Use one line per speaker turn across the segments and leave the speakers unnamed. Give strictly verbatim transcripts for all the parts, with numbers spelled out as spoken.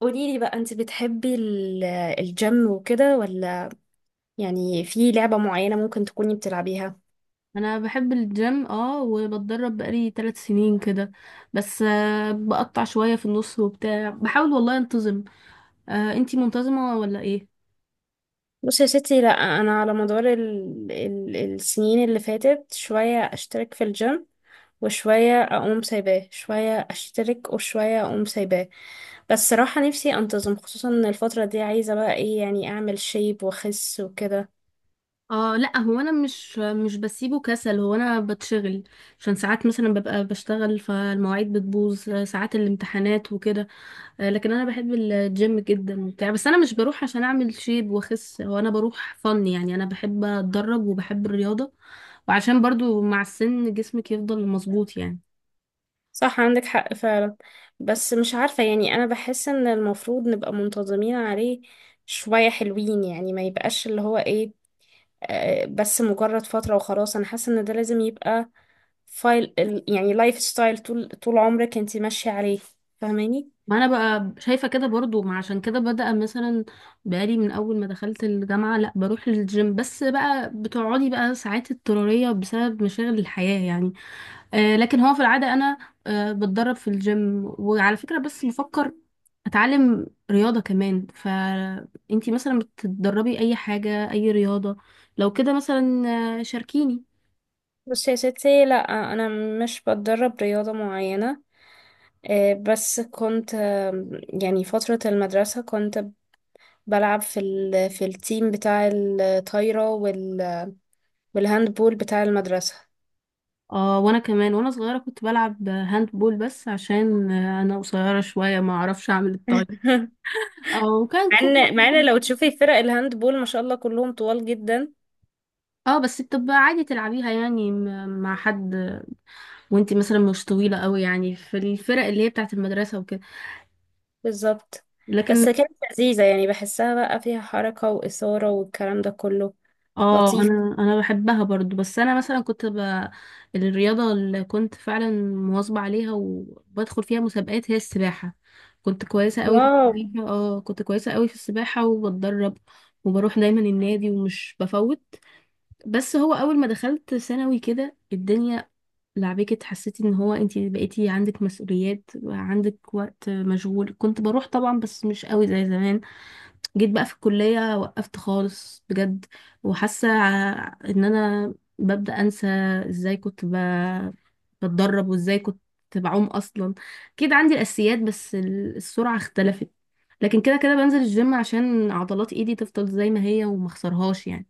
قولي لي بقى، انت بتحبي ال- آه، الجيم وكده، ولا يعني في لعبة معينة ممكن تكوني بتلعبيها؟
انا بحب الجيم اه وبتدرب بقالي ثلاث سنين كده. بس آه، بقطع شوية في النص وبتاع، بحاول والله انتظم. آه انتي منتظمة ولا ايه؟
بصي يا ستي، لا، انا على مدار ال... ال... السنين اللي فاتت شوية اشترك في الجيم، وشوية اقوم سايباه، شوية اشترك وشوية اقوم سايباه. بس صراحة نفسي انتظم، خصوصا ان الفترة دي عايزة بقى ايه يعني، اعمل شيب واخس وكده.
اه، لا هو انا مش مش بسيبه كسل، هو انا بتشغل عشان ساعات مثلا ببقى بشتغل فالمواعيد بتبوظ، آه، ساعات الامتحانات وكده. آه لكن انا بحب الجيم جدا وبتاع، بس انا مش بروح عشان اعمل شيب واخس، هو انا بروح فن يعني، انا بحب اتدرب وبحب الرياضة، وعشان برضو مع السن جسمك يفضل مظبوط يعني.
صح، عندك حق فعلا. بس مش عارفة، يعني أنا بحس إن المفروض نبقى منتظمين عليه شوية، حلوين يعني، ما يبقاش اللي هو إيه، آه، بس مجرد فترة وخلاص. أنا حاسة إن ده لازم يبقى فايل ال- يعني لايف ستايل طول طول عمرك أنت ماشية عليه. فاهماني؟
ما انا بقى شايفه كده برضو، ما عشان كده بدأ مثلا بقالي من اول ما دخلت الجامعه لا بروح للجيم، بس بقى بتقعدي بقى ساعات اضطراريه بسبب مشاغل الحياه يعني. آه لكن هو في العاده انا آه بتدرب في الجيم، وعلى فكره بس بفكر اتعلم رياضه كمان. فانتي مثلا بتتدربي اي حاجه، اي رياضه لو كده مثلا؟ آه، شاركيني.
بصي يا ستي، لأ، أنا مش بتدرب رياضة معينة. آه، بس كنت آه، يعني فترة المدرسة كنت بلعب في ال في التيم بتاع الطايرة، بالهاند بول بتاع المدرسة.
اه وانا كمان وانا صغيره كنت بلعب هاند بول، بس عشان آه، انا قصيره شويه ما اعرفش اعمل الطايره او كان
مع
كورة.
ان مع ان لو تشوفي فرق الهاند بول ما شاء الله كلهم طوال جدا.
اه بس بتبقى عادي تلعبيها يعني م- مع حد، وانتي مثلا مش طويلة قوي يعني في الفرق اللي هي بتاعت المدرسة وكده.
بالظبط.
لكن
بس كانت لذيذة يعني، بحسها بقى فيها حركة وإثارة والكلام ده كله.
اه،
لطيف.
انا انا بحبها برضو، بس انا مثلا كنت ب... الرياضة اللي كنت فعلا مواظبة عليها وبدخل فيها مسابقات هي السباحة. كنت كويسة قوي في
واو.
السباحة، اه كنت كويسة قوي في السباحة وبتدرب، وبروح دايما النادي ومش بفوت. بس هو اول ما دخلت ثانوي كده الدنيا لعبكت، حسيتي ان هو انتي بقيتي عندك مسؤوليات وعندك وقت مشغول، كنت بروح طبعا بس مش قوي زي زمان. جيت بقى في الكلية وقفت خالص بجد، وحاسة ع- ان انا ببدأ انسى ازاي كنت ب... بتدرب، وازاي كنت بعوم اصلا. اكيد عندي الاساسيات، بس ال- السرعة اختلفت. لكن كده كده بنزل الجيم عشان عضلات ايدي تفضل زي ما هي وما اخسرهاش يعني.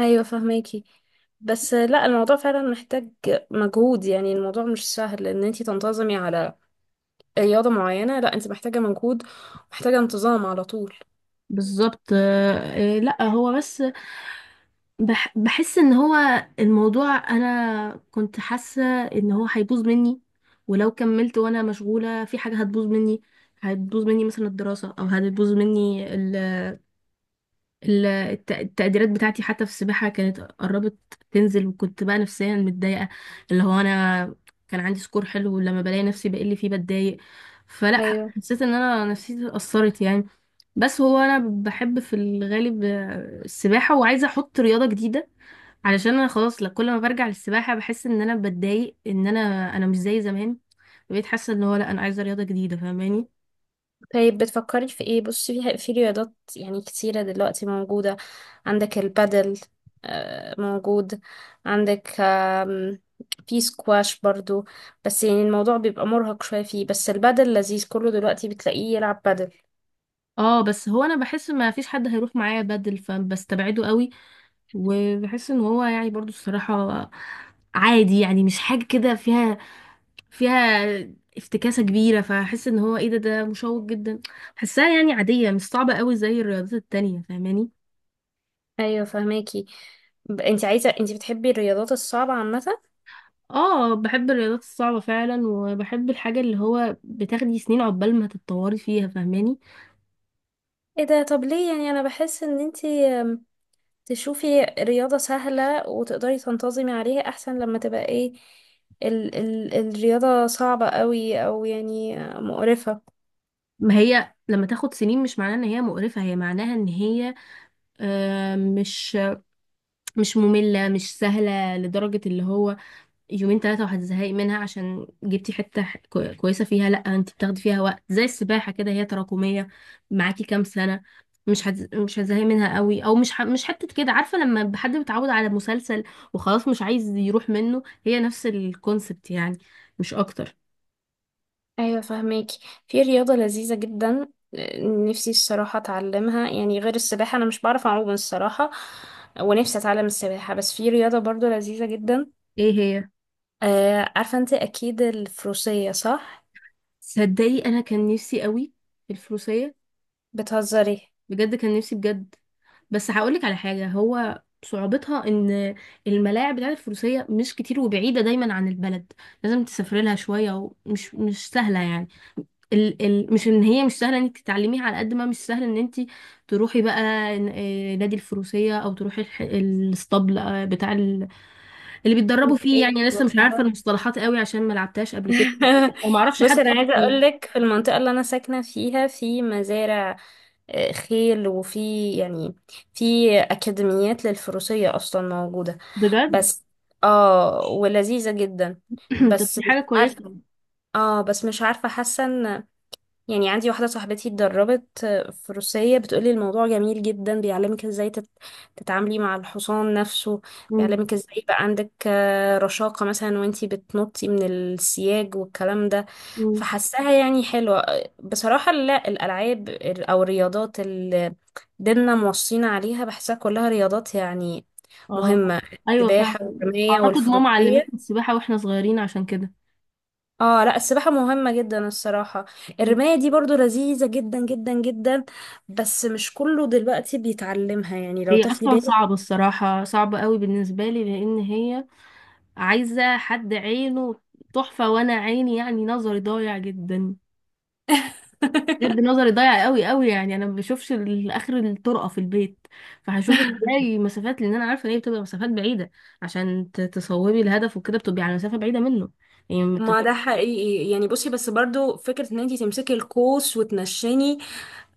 ايوه فهماكي. بس لا، الموضوع فعلا محتاج مجهود، يعني الموضوع مش سهل ان انتي تنتظمي على رياضة معينة، لا، انت محتاجة مجهود، ومحتاجة انتظام على طول.
بالظبط آه، آه، لا هو بس بح بحس ان هو الموضوع، انا كنت حاسه ان هو هيبوظ مني، ولو كملت وانا مشغوله في حاجه هتبوظ مني، هتبوظ مني مثلا الدراسه، او هتبوظ مني ال ال الت- التقديرات بتاعتي. حتى في السباحه كانت قربت تنزل، وكنت بقى نفسيا متضايقه اللي هو انا كان عندي سكور حلو، ولما بلاقي نفسي بقل فيه بتضايق. فلا
ايوه.
حسيت ان انا نفسيتي اتاثرت يعني. بس هو انا بحب في الغالب السباحه، وعايزه احط رياضه جديده، علشان انا خلاص لا، كل ما برجع للسباحه بحس ان انا بتضايق ان انا انا مش زي زمان. بقيت حاسه ان هو لا، انا عايزه رياضه جديده، فاهماني؟
طيب بتفكري في ايه؟ بصي، في في رياضات يعني كتيرة دلوقتي موجودة. عندك البادل، آه، موجود، عندك آم، في سكواش برضو، بس يعني الموضوع بيبقى مرهق شوية فيه، بس البادل لذيذ، كله دلوقتي بتلاقيه يلعب بادل.
اه بس هو انا بحس ما فيش حد هيروح معايا بدل فبستبعده قوي. وبحس ان هو يعني برضو الصراحه عادي يعني، مش حاجه كده فيها فيها افتكاسه كبيره، فاحس ان هو ايه ده، ده مشوق جدا. بحسها يعني عاديه، مش صعبه قوي زي الرياضات التانية، فاهماني؟
ايوه فهماكي. ب- انت عايزة انت بتحبي الرياضات الصعبة عامة؟
اه بحب الرياضات الصعبة فعلا، وبحب الحاجة اللي هو بتاخدي سنين عقبال ما تتطوري فيها، فاهماني؟
ايه ده، طب ليه؟ يعني انا بحس ان انت تشوفي رياضة سهلة وتقدري تنتظمي عليها أحسن، لما تبقى ايه ال ال الرياضة صعبة قوي أو يعني مقرفة.
ما هي لما تاخد سنين مش معناها ان هي مقرفة، هي معناها ان هي آه، مش مش مملة، مش سهلة لدرجة اللي هو يومين ثلاثة وهتزهقي منها عشان جبتي حتة ح- كو- كويسة فيها. لأ انت بتاخدي فيها وقت زي السباحة كده، هي تراكمية معاكي كام سنة، مش هتز... مش هتزهقي منها قوي، او مش ح... مش حتة كده. عارفة لما حد بيتعود على مسلسل وخلاص مش عايز يروح منه، هي نفس الكونسبت يعني، مش اكتر.
ايوه فهماكي. في رياضة لذيذة جدا نفسي الصراحة اتعلمها، يعني غير السباحة، انا مش بعرف اعوم الصراحة، ونفسي اتعلم السباحة، بس في رياضة برضو لذيذة جدا.
ايه هي؟
آه عارفة انت اكيد، الفروسية، صح؟
صدقي انا كان نفسي قوي في الفروسية،
بتهزري؟
بجد كان نفسي بجد. بس هقولك على حاجة، هو صعوبتها ان الملاعب بتاعت الفروسية مش كتير وبعيدة دايما عن البلد، لازم تسافري لها شوية، ومش مش سهلة يعني. ال ال مش ان هي مش سهلة انك تتعلميها، على قد ما مش سهل ان انت تروحي بقى ن- آه، نادي الفروسية، او تروحي الح- الاسطبل آه، بتاع ال اللي بيتدربوا فيه
أوكي.
يعني. أنا لسه مش عارفة المصطلحات قوي عشان ما لعبتهاش قبل كده، وما اعرفش
بص،
حد
انا عايزه
اصلا،
اقول لك، في المنطقه اللي انا ساكنه فيها في مزارع آه، خيل، وفي يعني في اكاديميات للفروسيه اصلا موجوده.
بجد.
بس اه، ولذيذه جدا.
طب
بس
دي
مش
حاجة كويسة.
عارفه، اه بس مش عارفه، حاسه ان يعني عندي واحدة صاحبتي اتدربت في روسية، بتقولي الموضوع جميل جدا، بيعلمك ازاي تت- تتعاملي مع الحصان نفسه، بيعلمك ازاي يبقى عندك آه، رشاقة مثلا، وانتي بتنطي من السياج والكلام ده.
مم.
فحسها يعني حلوة. بصراحة لا، الألعاب ال- أو الرياضات اللي ديننا موصينا عليها بحسها كلها رياضات يعني
اه،
مهمة.
ايوه
السباحة
فعلا.
والرماية
اعتقد ماما علمتنا
والفروسية.
السباحه واحنا صغيرين عشان كده.
اه لا، السباحة مهمة جدا الصراحة. الرماية دي برضو لذيذة جدا جدا جدا، بس مش كله دلوقتي بيتعلمها يعني، لو
هي
تاخدي
اصلا
بالك.
صعبه الصراحه، صعبه قوي بالنسبه لي، لان هي عايزه حد عينه تحفه، وانا عيني يعني نظري ضايع جدا، بجد نظري ضايع قوي قوي. يعني انا ما بشوفش ال- اخر الطرقه في البيت، فهشوف ازاي مسافات، لان انا عارفه ان هي بتبقى مسافات بعيده عشان ت- تصوبي الهدف، وكده بتبقي على مسافه بعيده منه يعني.
ما ده حقيقي يعني. بصي، بس برضو فكرة ان انتي تمسكي القوس وتنشني،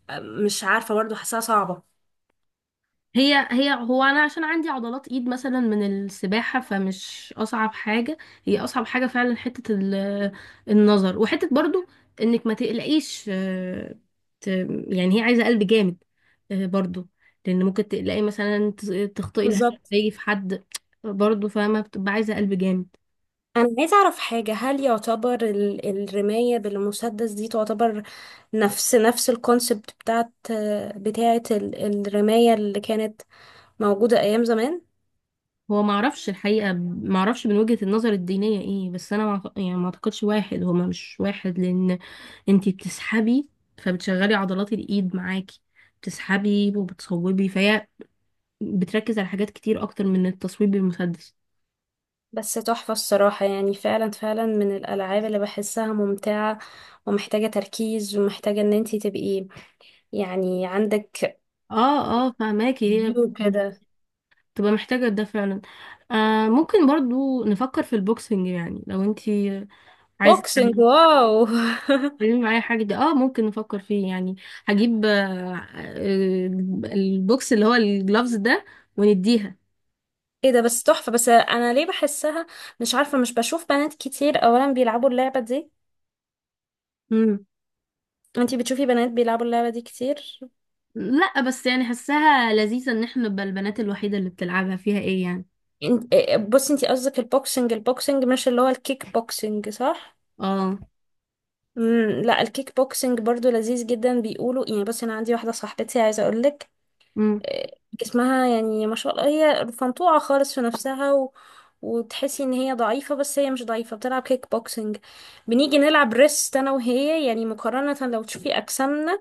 آه، مش عارفة برضو، حاساها صعبة.
هي هي هو انا عشان عندي عضلات ايد مثلا من السباحه، فمش اصعب حاجه، هي اصعب حاجه فعلا حته ال- النظر، وحته برضو انك ما تقلقيش آه، ت- يعني هي عايزه قلب جامد آه، برضو، لان ممكن تقلقي مثلا ت- تخطئي الهدف
بالظبط.
تيجي في حد. برضو فما بتبقى عايزه قلب جامد.
انا عايزة اعرف حاجة، هل يعتبر ال- الرماية بالمسدس دي تعتبر نفس نفس الكونسبت بتاعت آه، بتاعت ال- الرماية اللي كانت موجودة ايام زمان؟
هو ما اعرفش الحقيقه، ما اعرفش من وجهه النظر الدينيه ايه، بس انا ما أعت- يعني ما اعتقدش واحد، هو مش واحد، لان انتي بتسحبي فبتشغلي عضلات الايد معاكي، بتسحبي وبتصوبي، فهي بتركز على حاجات كتير اكتر من التصويب بالمسدس.
بس تحفة الصراحة، يعني فعلا فعلا من الألعاب اللي بحسها ممتعة، ومحتاجة تركيز، ومحتاجة ان انتي تبقي يعني عندك
اه اه فهماكي، هي
فيو كده.
بتبقى محتاجة ده فعلا. آه ممكن برضو نفكر في البوكسنج يعني، لو انتي عايزة
بوكسنج،
تعملي
واو.
تعملي معايا حاجة دي، اه ممكن نفكر فيه يعني. هجيب آه آه، البوكس اللي هو الجلافز ده، ونديها.
ايه ده، بس تحفة. بس انا ليه بحسها، مش عارفة، مش بشوف بنات كتير اولا بيلعبوا اللعبة دي.
مم.
انتي بتشوفي بنات بيلعبوا اللعبة دي كتير؟
لا بس يعني حاساها لذيذة ان احنا نبقى البنات الوحيدة اللي بتلعبها، فيها ايه يعني؟
انت... بصي، انتي قصدك البوكسنج، البوكسنج مش اللي هو الكيك بوكسنج، صح؟
اه.
مم، لا، الكيك بوكسنج برضو لذيذ جدا بيقولوا يعني. بصي انا عندي واحده صاحبتي، عايزه اقول لك،
امم،
جسمها يعني ما شاء الله، هي فنطوعة خالص في نفسها، و... وتحسي ان هي ضعيفة، بس هي مش ضعيفة، بتلعب كيك بوكسنج. بنيجي نلعب ريست انا وهي، يعني مقارنة لو تشوفي اجسامنا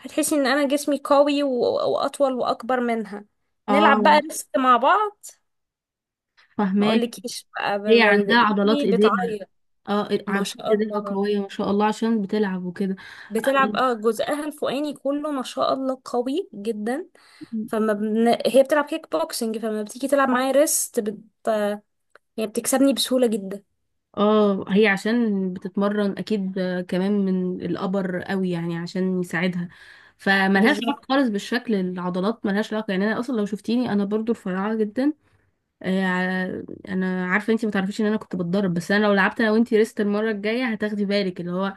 هتحسي ان انا جسمي قوي، و... واطول واكبر منها. نلعب
اه
بقى ريست مع بعض، ما
فهماك.
اقولكيش بقى ب...
هي
ب...
عندها عضلات
ايدي
ايديها،
بتعيط.
اه
ما
عضلات
شاء
ايديها
الله.
قوية ما شاء الله عشان بتلعب وكده.
بتلعب، اه جزءها الفوقاني كله ما شاء الله قوي جدا، فما بن... هي بتلعب كيك بوكسنج، فما بتيجي تلعب معايا ريست هي بتكسبني بسهولة جدا.
اه هي عشان بتتمرن اكيد، كمان من الابر قوي يعني عشان يساعدها. فملهاش علاقة
بالظبط.
خالص بالشكل، العضلات ملهاش علاقة يعني. انا اصلا لو شفتيني انا برضو رفيعة جدا، آه، ع- انا عارفة انتي ما تعرفيش ان انا كنت بتضرب. بس انا لو لعبت انا وانتي ريست المرة الجاية هتاخدي بالك، اللي هو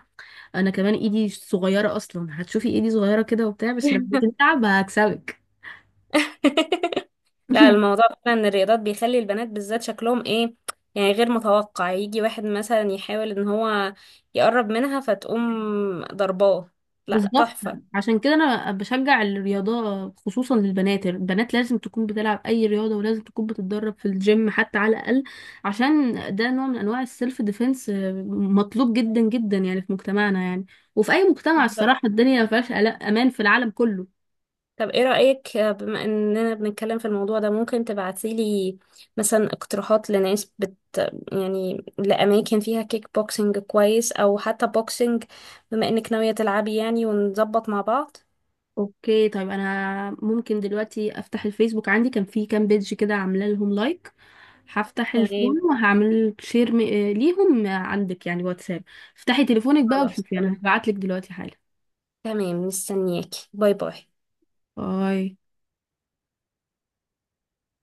انا كمان ايدي صغيره اصلا، هتشوفي ايدي صغيره كده وبتاع، بس لما تتعب هكسبك.
لا، الموضوع فعلا ان الرياضات بيخلي البنات بالذات شكلهم ايه، يعني غير متوقع يجي واحد مثلا يحاول ان هو يقرب منها فتقوم ضرباه. لا،
بالظبط.
تحفة.
عشان كده انا بشجع الرياضه خصوصا للبنات، البنات لازم تكون بتلعب اي رياضه، ولازم تكون بتتدرب في الجيم حتى على الاقل، عشان ده نوع من انواع السيلف ديفense، مطلوب جدا جدا يعني في مجتمعنا يعني، وفي اي مجتمع
بالظبط.
الصراحه، الدنيا ما فيهاش ألا- امان في العالم كله.
طب ايه رأيك، بما اننا بنتكلم في الموضوع ده، ممكن تبعتيلي مثلا اقتراحات لناس بت يعني لأماكن فيها كيك بوكسنج كويس او حتى بوكسنج، بما انك ناوية تلعبي يعني، ونظبط مع بعض؟
اوكي طيب انا ممكن دلوقتي افتح الفيسبوك، عندي كان في كام بيج كده عامله لهم لايك، هفتح
تمام.
الفون وهعمل شير م... آه، ليهم عندك يعني واتساب. افتحي تليفونك بقى
خلاص
وشوفي، انا
تمام.
هبعت لك دلوقتي حالا.
تمام مستنياكي. باي باي.
باي.